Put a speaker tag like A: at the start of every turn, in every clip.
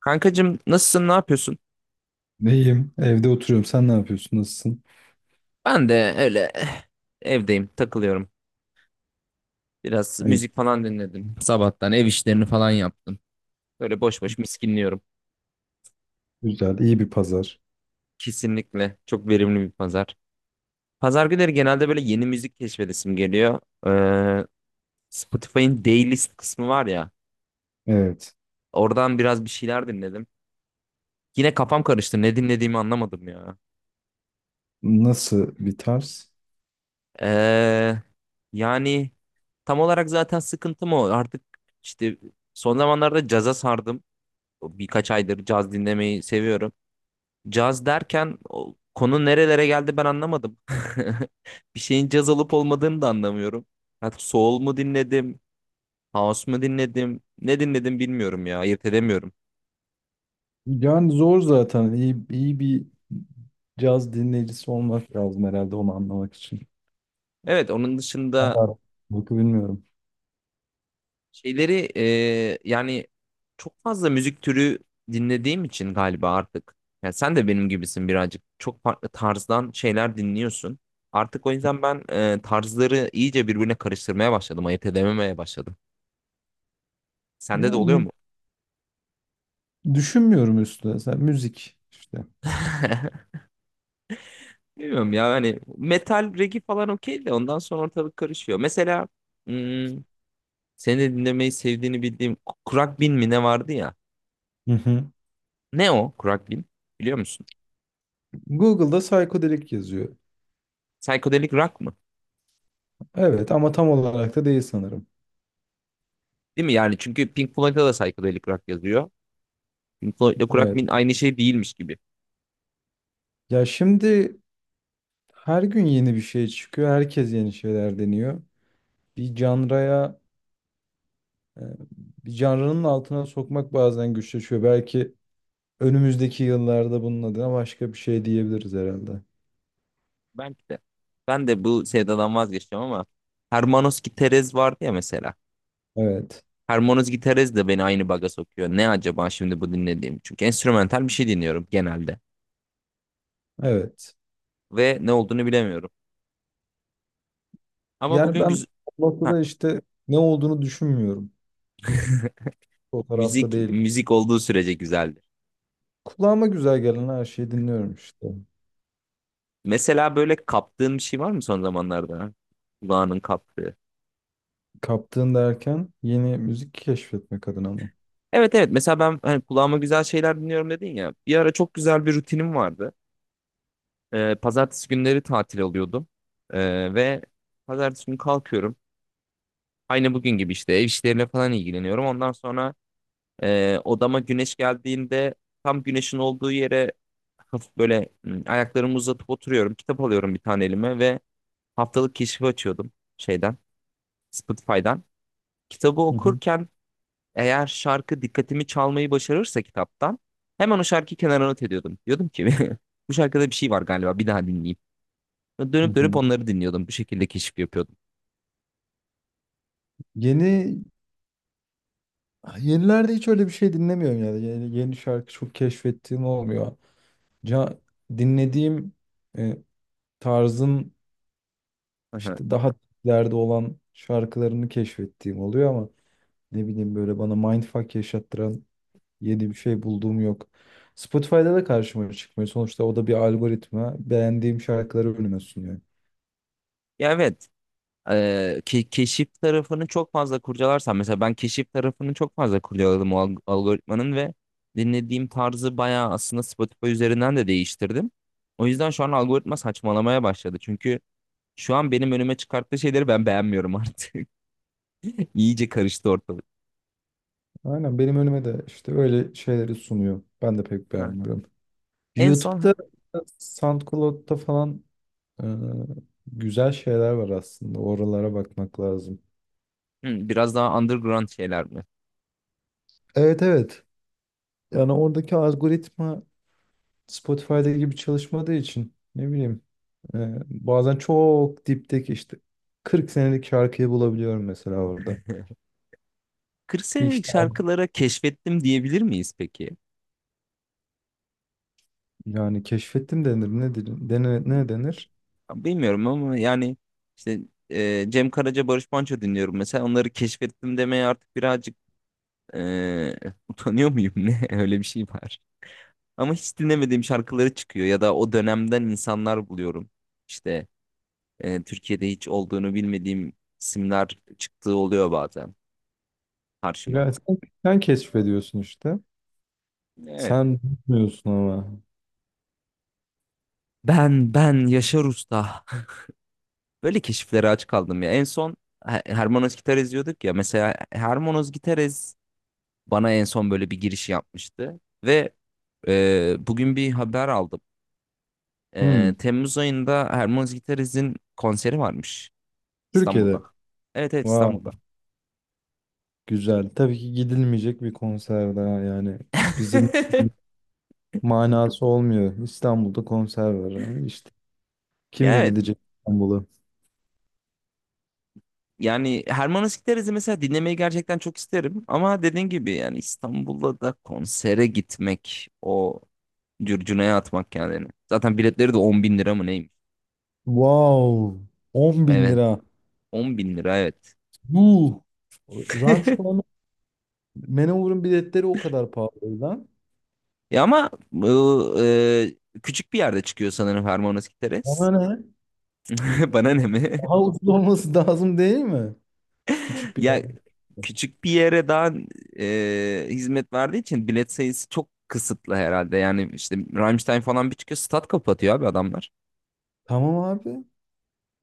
A: Kankacım, nasılsın? Ne yapıyorsun?
B: Neyim? Evde oturuyorum. Sen ne yapıyorsun? Nasılsın?
A: Ben de öyle, evdeyim, takılıyorum. Biraz
B: İyi,
A: müzik falan dinledim. Sabahtan ev işlerini falan yaptım. Böyle boş boş miskinliyorum.
B: güzel. İyi bir pazar.
A: Kesinlikle çok verimli bir pazar. Pazar günleri genelde böyle yeni müzik keşfedesim geliyor. Ee, Spotify'ın Daylist kısmı var ya.
B: Evet.
A: Oradan biraz bir şeyler dinledim. Yine kafam karıştı. Ne dinlediğimi anlamadım ya.
B: Nasıl bir tarz?
A: Ee, yani tam olarak zaten sıkıntım o. Artık işte son zamanlarda caza sardım. Birkaç aydır caz dinlemeyi seviyorum. Caz derken konu nerelere geldi, ben anlamadım. Bir şeyin caz olup olmadığını da anlamıyorum. Hatta soul mu dinledim, house mu dinledim, ne dinledim bilmiyorum ya, ayırt edemiyorum.
B: Yani zor zaten. İyi, iyi bir caz dinleyicisi olmak lazım herhalde onu anlamak için.
A: Evet, onun dışında
B: Anlarım. Bakı bilmiyorum.
A: şeyleri yani çok fazla müzik türü dinlediğim için galiba artık. Yani sen de benim gibisin birazcık. Çok farklı tarzdan şeyler dinliyorsun. Artık o yüzden ben tarzları iyice birbirine karıştırmaya başladım, ayırt edememeye başladım. Sende de
B: Yani
A: oluyor
B: mi-
A: mu?
B: Düşünmüyorum üstüne. Sen müzik işte.
A: Bilmiyorum ya, hani metal, regi falan okey de ondan sonra ortalık karışıyor. Mesela hmm, seni de dinlemeyi sevdiğini bildiğim bin mi ne vardı ya?
B: Hı hı.
A: Ne o bin, biliyor musun?
B: Google'da psychedelic yazıyor.
A: Psychedelic rock mı?
B: Evet ama tam olarak da değil sanırım.
A: Değil mi yani? Çünkü Pink Floyd'da da psychedelic rock yazıyor. Pink Floyd'la
B: Evet.
A: bin aynı şey değilmiş gibi.
B: Ya şimdi her gün yeni bir şey çıkıyor. Herkes yeni şeyler deniyor. Bir canraya E, Bir canrının altına sokmak bazen güçleşiyor. Belki önümüzdeki yıllarda bunun adına başka bir şey diyebiliriz herhalde.
A: Belki de. Ben de bu sevdadan vazgeçeceğim ama Hermanos Giterez vardı ya mesela.
B: Evet,
A: Hermanos Giterez de beni aynı baga sokuyor. Ne acaba şimdi bu dinlediğim? Çünkü enstrümantal bir şey dinliyorum genelde
B: evet.
A: ve ne olduğunu bilemiyorum. Ama
B: Yani ben o
A: Heh,
B: noktada işte ne olduğunu düşünmüyorum. O tarafta
A: müzik
B: değil.
A: müzik olduğu sürece güzeldir.
B: Kulağıma güzel gelen her şeyi dinliyorum işte.
A: Mesela böyle kaptığın bir şey var mı son zamanlarda? Kulağının kaptığı.
B: Kaptığın derken yeni müzik keşfetmek adına mı?
A: Evet, evet, mesela ben hani kulağıma güzel şeyler dinliyorum dedin ya. Bir ara çok güzel bir rutinim vardı. Pazartesi günleri tatil oluyordum. Ve pazartesi günü kalkıyorum. Aynı bugün gibi işte ev işleriyle falan ilgileniyorum. Ondan sonra odama güneş geldiğinde tam güneşin olduğu yere hafif böyle ayaklarımı uzatıp oturuyorum. Kitap alıyorum bir tane elime ve haftalık keşif açıyordum şeyden, Spotify'dan. Kitabı
B: Hı hı.
A: okurken eğer şarkı dikkatimi çalmayı başarırsa kitaptan hemen o şarkıyı kenara not ediyordum. Diyordum ki bu şarkıda bir şey var galiba, bir daha dinleyeyim. Ve
B: Hı
A: dönüp dönüp
B: hı.
A: onları dinliyordum. Bu şekilde keşif yapıyordum.
B: Yeni Yenilerde hiç öyle bir şey dinlemiyorum yani. Yeni şarkı çok keşfettiğim olmuyor. Ca- dinlediğim e, tarzın
A: Aha.
B: İşte daha ileride olan şarkılarını keşfettiğim oluyor ama ne bileyim böyle bana mindfuck yaşattıran yeni bir şey bulduğum yok. Spotify'da da karşıma çıkmıyor. Sonuçta o da bir algoritma. Beğendiğim şarkıları önüme sunuyor.
A: Ya evet. Keşif tarafını çok fazla kurcalarsam, mesela ben keşif tarafını çok fazla kurcaladım o algoritmanın ve dinlediğim tarzı bayağı aslında Spotify üzerinden de değiştirdim. O yüzden şu an algoritma saçmalamaya başladı. Çünkü şu an benim önüme çıkarttığı şeyleri ben beğenmiyorum artık. İyice karıştı ortalık.
B: Aynen benim önüme de işte öyle şeyleri sunuyor. Ben de pek
A: Evet.
B: beğenmiyorum.
A: En son
B: YouTube'da, SoundCloud'da falan e, güzel şeyler var aslında. Oralara bakmak lazım.
A: biraz daha underground şeyler mi?
B: Evet, evet. Yani oradaki algoritma Spotify'da gibi çalışmadığı için ne bileyim, bazen çok dipteki işte 40 senelik şarkıyı bulabiliyorum mesela orada.
A: 40 senelik
B: Hiç daha
A: şarkılara keşfettim diyebilir miyiz peki?
B: yani keşfettim denir ne denir ne denir?
A: Bilmiyorum ama yani işte Cem Karaca, Barış Manço dinliyorum mesela. Onları keşfettim demeye artık birazcık e, utanıyor muyum ne? Öyle bir şey var. Ama hiç dinlemediğim şarkıları çıkıyor ya da o dönemden insanlar buluyorum. İşte Türkiye'de hiç olduğunu bilmediğim isimler çıktığı oluyor bazen karşıma.
B: Ya sen keşfediyorsun işte.
A: Evet.
B: Sen bilmiyorsun ama.
A: Ben Yaşar Usta. Böyle keşiflere aç kaldım ya. En son Hermanos Gitares diyorduk ya. Mesela Hermanos Gitares bana en son böyle bir giriş yapmıştı. Ve bugün bir haber aldım.
B: Hmm,
A: Temmuz ayında Hermanos Gitares'in konseri varmış İstanbul'da.
B: Türkiye'de.
A: Evet, evet, İstanbul'da.
B: Wow, güzel. Tabii ki gidilmeyecek bir konser daha yani. Bizim manası olmuyor. İstanbul'da konser var ama işte kim
A: Ya evet.
B: gidecek İstanbul'a?
A: Yani Hermanos Gideriz'i mesela dinlemeyi gerçekten çok isterim. Ama dediğin gibi yani İstanbul'da da konsere gitmek o cürcüneye atmak kendini. Zaten biletleri de 10 bin lira mı neymiş?
B: Wow, 10 bin
A: Evet,
B: lira.
A: 10 bin lira, evet.
B: Yuh. Rammstein'e Manowar'ın biletleri o kadar pahalı o.
A: Ya ama bu küçük bir yerde çıkıyor sanırım Hermanos Giteres.
B: Ama ne?
A: Bana ne mi?
B: Daha ucuz olması lazım değil mi? Küçük bir
A: Ya
B: yerde.
A: küçük bir yere daha hizmet verdiği için bilet sayısı çok kısıtlı herhalde. Yani işte Rammstein falan bir çıkıyor, stat kapatıyor abi adamlar.
B: Tamam abi.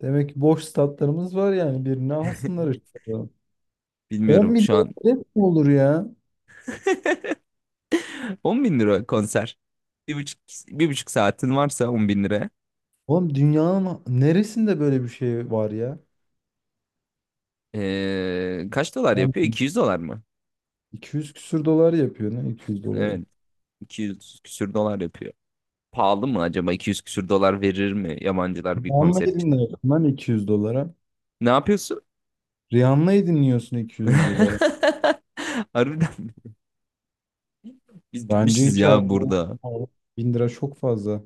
B: Demek ki boş statlarımız var yani birini alsınlar işte. 10
A: Bilmiyorum şu
B: milyon
A: an.
B: bilet mi olur ya?
A: 10 bin lira konser. Bir buçuk, bir buçuk saatin varsa 10 bin lira.
B: Oğlum dünyanın neresinde böyle bir şey var ya?
A: Kaç dolar
B: Oğlum
A: yapıyor? 200 dolar mı?
B: 200 küsür dolar yapıyor ne 200 dolara.
A: Evet. 200 küsür dolar yapıyor. Pahalı mı acaba? 200 küsür dolar verir mi yabancılar bir
B: Rihanna
A: konser için?
B: dinliyorsun lan 200 dolara.
A: Ne yapıyorsun?
B: Rihanna'yı dinliyorsun 200 dolara.
A: Harbiden biz
B: Bence
A: bitmişiz
B: hiç
A: ya
B: az değil.
A: burada.
B: 1000 lira çok fazla.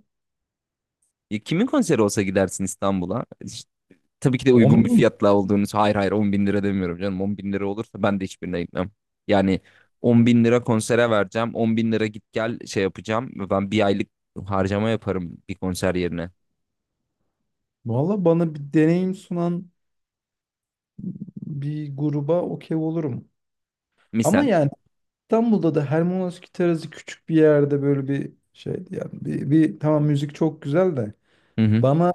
A: Ya kimin konseri olsa gidersin İstanbul'a? İşte tabii ki de
B: 10
A: uygun bir
B: bin.
A: fiyatla olduğunu. Hayır, hayır, 10 bin lira demiyorum canım. 10 bin lira olursa ben de hiçbirine gitmem. Yani 10 bin lira konsere vereceğim. 10 bin lira git gel şey yapacağım. Ben bir aylık harcama yaparım bir konser yerine.
B: Valla bana bir deneyim sunan bir gruba okey olurum. Ama
A: Misal.
B: yani İstanbul'da da Hermanovski Terası küçük bir yerde böyle bir şey yani bir tamam müzik çok güzel de
A: Hı hı.
B: bana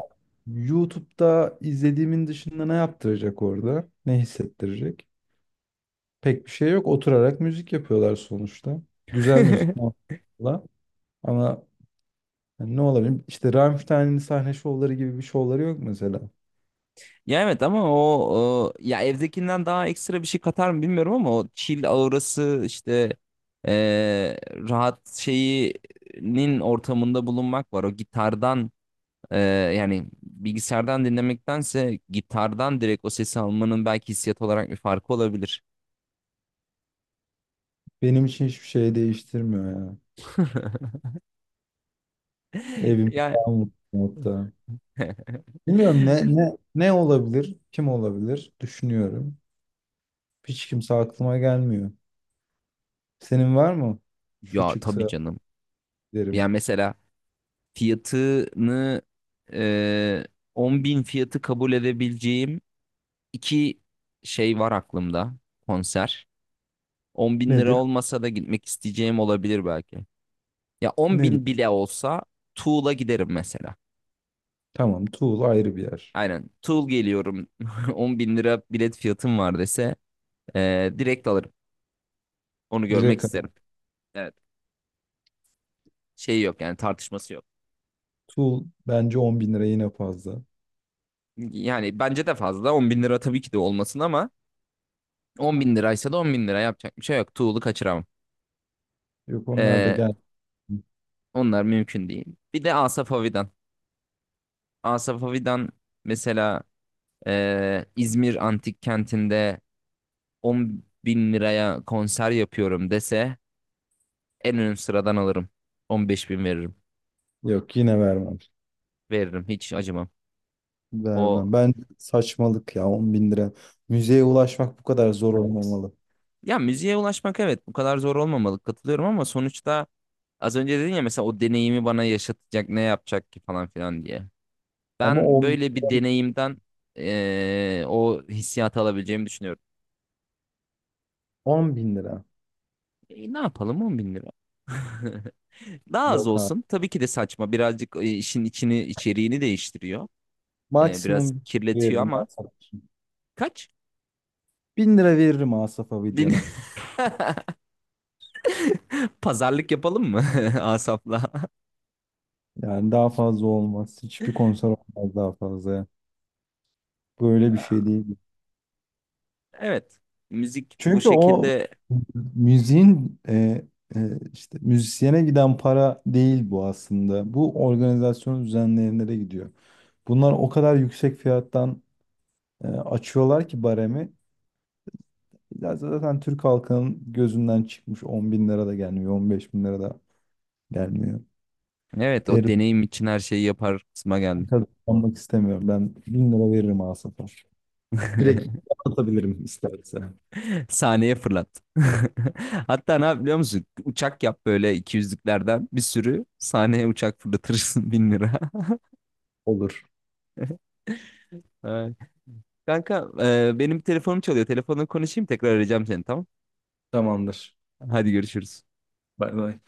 B: YouTube'da izlediğimin dışında ne yaptıracak orada? Ne hissettirecek? Pek bir şey yok. Oturarak müzik yapıyorlar sonuçta. Güzel müzik muhakkak. Ama yani ne olabilir? İşte Rammstein'in sahne şovları gibi bir şovları yok mesela.
A: Ya evet ama ya evdekinden daha ekstra bir şey katar mı bilmiyorum ama o chill aurası işte eee, rahat şeyinin ortamında bulunmak var. O gitardan Ee, yani bilgisayardan dinlemektense gitardan direkt o sesi almanın belki hissiyat olarak bir farkı olabilir.
B: Benim için hiçbir şey değiştirmiyor ya. Evim
A: Ya
B: daha mutlu hatta. Bilmiyorum ne olabilir, kim olabilir düşünüyorum. Hiç kimse aklıma gelmiyor. Senin var mı? Şu
A: ya tabii
B: çıksa
A: canım.
B: derim.
A: Yani mesela fiyatını e, 10 bin fiyatı kabul edebileceğim iki şey var aklımda, konser. 10 bin lira
B: Nedir?
A: olmasa da gitmek isteyeceğim olabilir belki. Ya 10
B: Nedir?
A: bin bile olsa Tool'a giderim mesela.
B: Tamam Tuğul ayrı bir yer.
A: Aynen, Tool geliyorum 10 bin lira bilet fiyatım var dese direkt alırım. Onu görmek
B: Direkt ara.
A: isterim. Evet. Şey yok yani, tartışması yok.
B: Tuğul bence on bin lira yine fazla.
A: Yani bence de fazla. 10 bin lira tabii ki de olmasın ama 10 bin liraysa da 10 bin lira yapacak bir şey yok. Tuğlu kaçıramam.
B: Yok onlar da
A: Ee,
B: gel.
A: onlar mümkün değil. Bir de Asaf Avidan. Asaf Avidan mesela İzmir Antik Kenti'nde 10 bin liraya konser yapıyorum dese en ön sıradan alırım. 15 bin veririm.
B: Yok yine vermem.
A: Veririm, hiç acımam. O,
B: Vermem. Ben saçmalık ya 10 bin lira. Müzeye ulaşmak bu kadar zor olmamalı.
A: ya müziğe ulaşmak, evet, bu kadar zor olmamalı, katılıyorum ama sonuçta az önce dedin ya mesela o deneyimi bana yaşatacak ne yapacak ki falan filan diye.
B: Ama
A: Ben
B: 10,
A: böyle bir deneyimden o hissiyatı alabileceğimi düşünüyorum.
B: 10 bin lira.
A: E, ne yapalım, 10 bin lira. Daha az
B: Yok abi.
A: olsun. Tabii ki de saçma. Birazcık işin içini, içeriğini değiştiriyor. Biraz
B: Maksimum
A: kirletiyor
B: veririm
A: ama
B: Asaf için.
A: kaç?
B: 1000 lira veririm Asaf
A: Bin...
B: Abidyan'a.
A: Pazarlık yapalım mı Asaf'la?
B: Yani daha fazla olmaz. Hiçbir konser olmaz daha fazla ya. Böyle bir şey değil.
A: Evet. Müzik bu
B: Çünkü o
A: şekilde.
B: müziğin işte müzisyene giden para değil bu aslında. Bu organizasyon düzenleyenlere gidiyor. Bunlar o kadar yüksek fiyattan açıyorlar ki baremi. Ya zaten Türk halkının gözünden çıkmış 10 bin lira da gelmiyor, 15 bin lira da gelmiyor.
A: Evet, o
B: Verip
A: deneyim için her şeyi yapar kısma geldi.
B: kazanmak istemiyorum. Ben 1000 lira veririm Asaf'a. Direkt atabilirim isterse.
A: Sahneye fırlat. Hatta ne yap biliyor musun? Uçak yap böyle 200'lüklerden bir sürü. Sahneye uçak fırlatırsın 1000 lira.
B: Olur.
A: Ay. Kanka, benim telefonum çalıyor. Telefonla konuşayım, tekrar arayacağım seni, tamam.
B: Tamamdır.
A: Hadi görüşürüz.
B: Bay bay.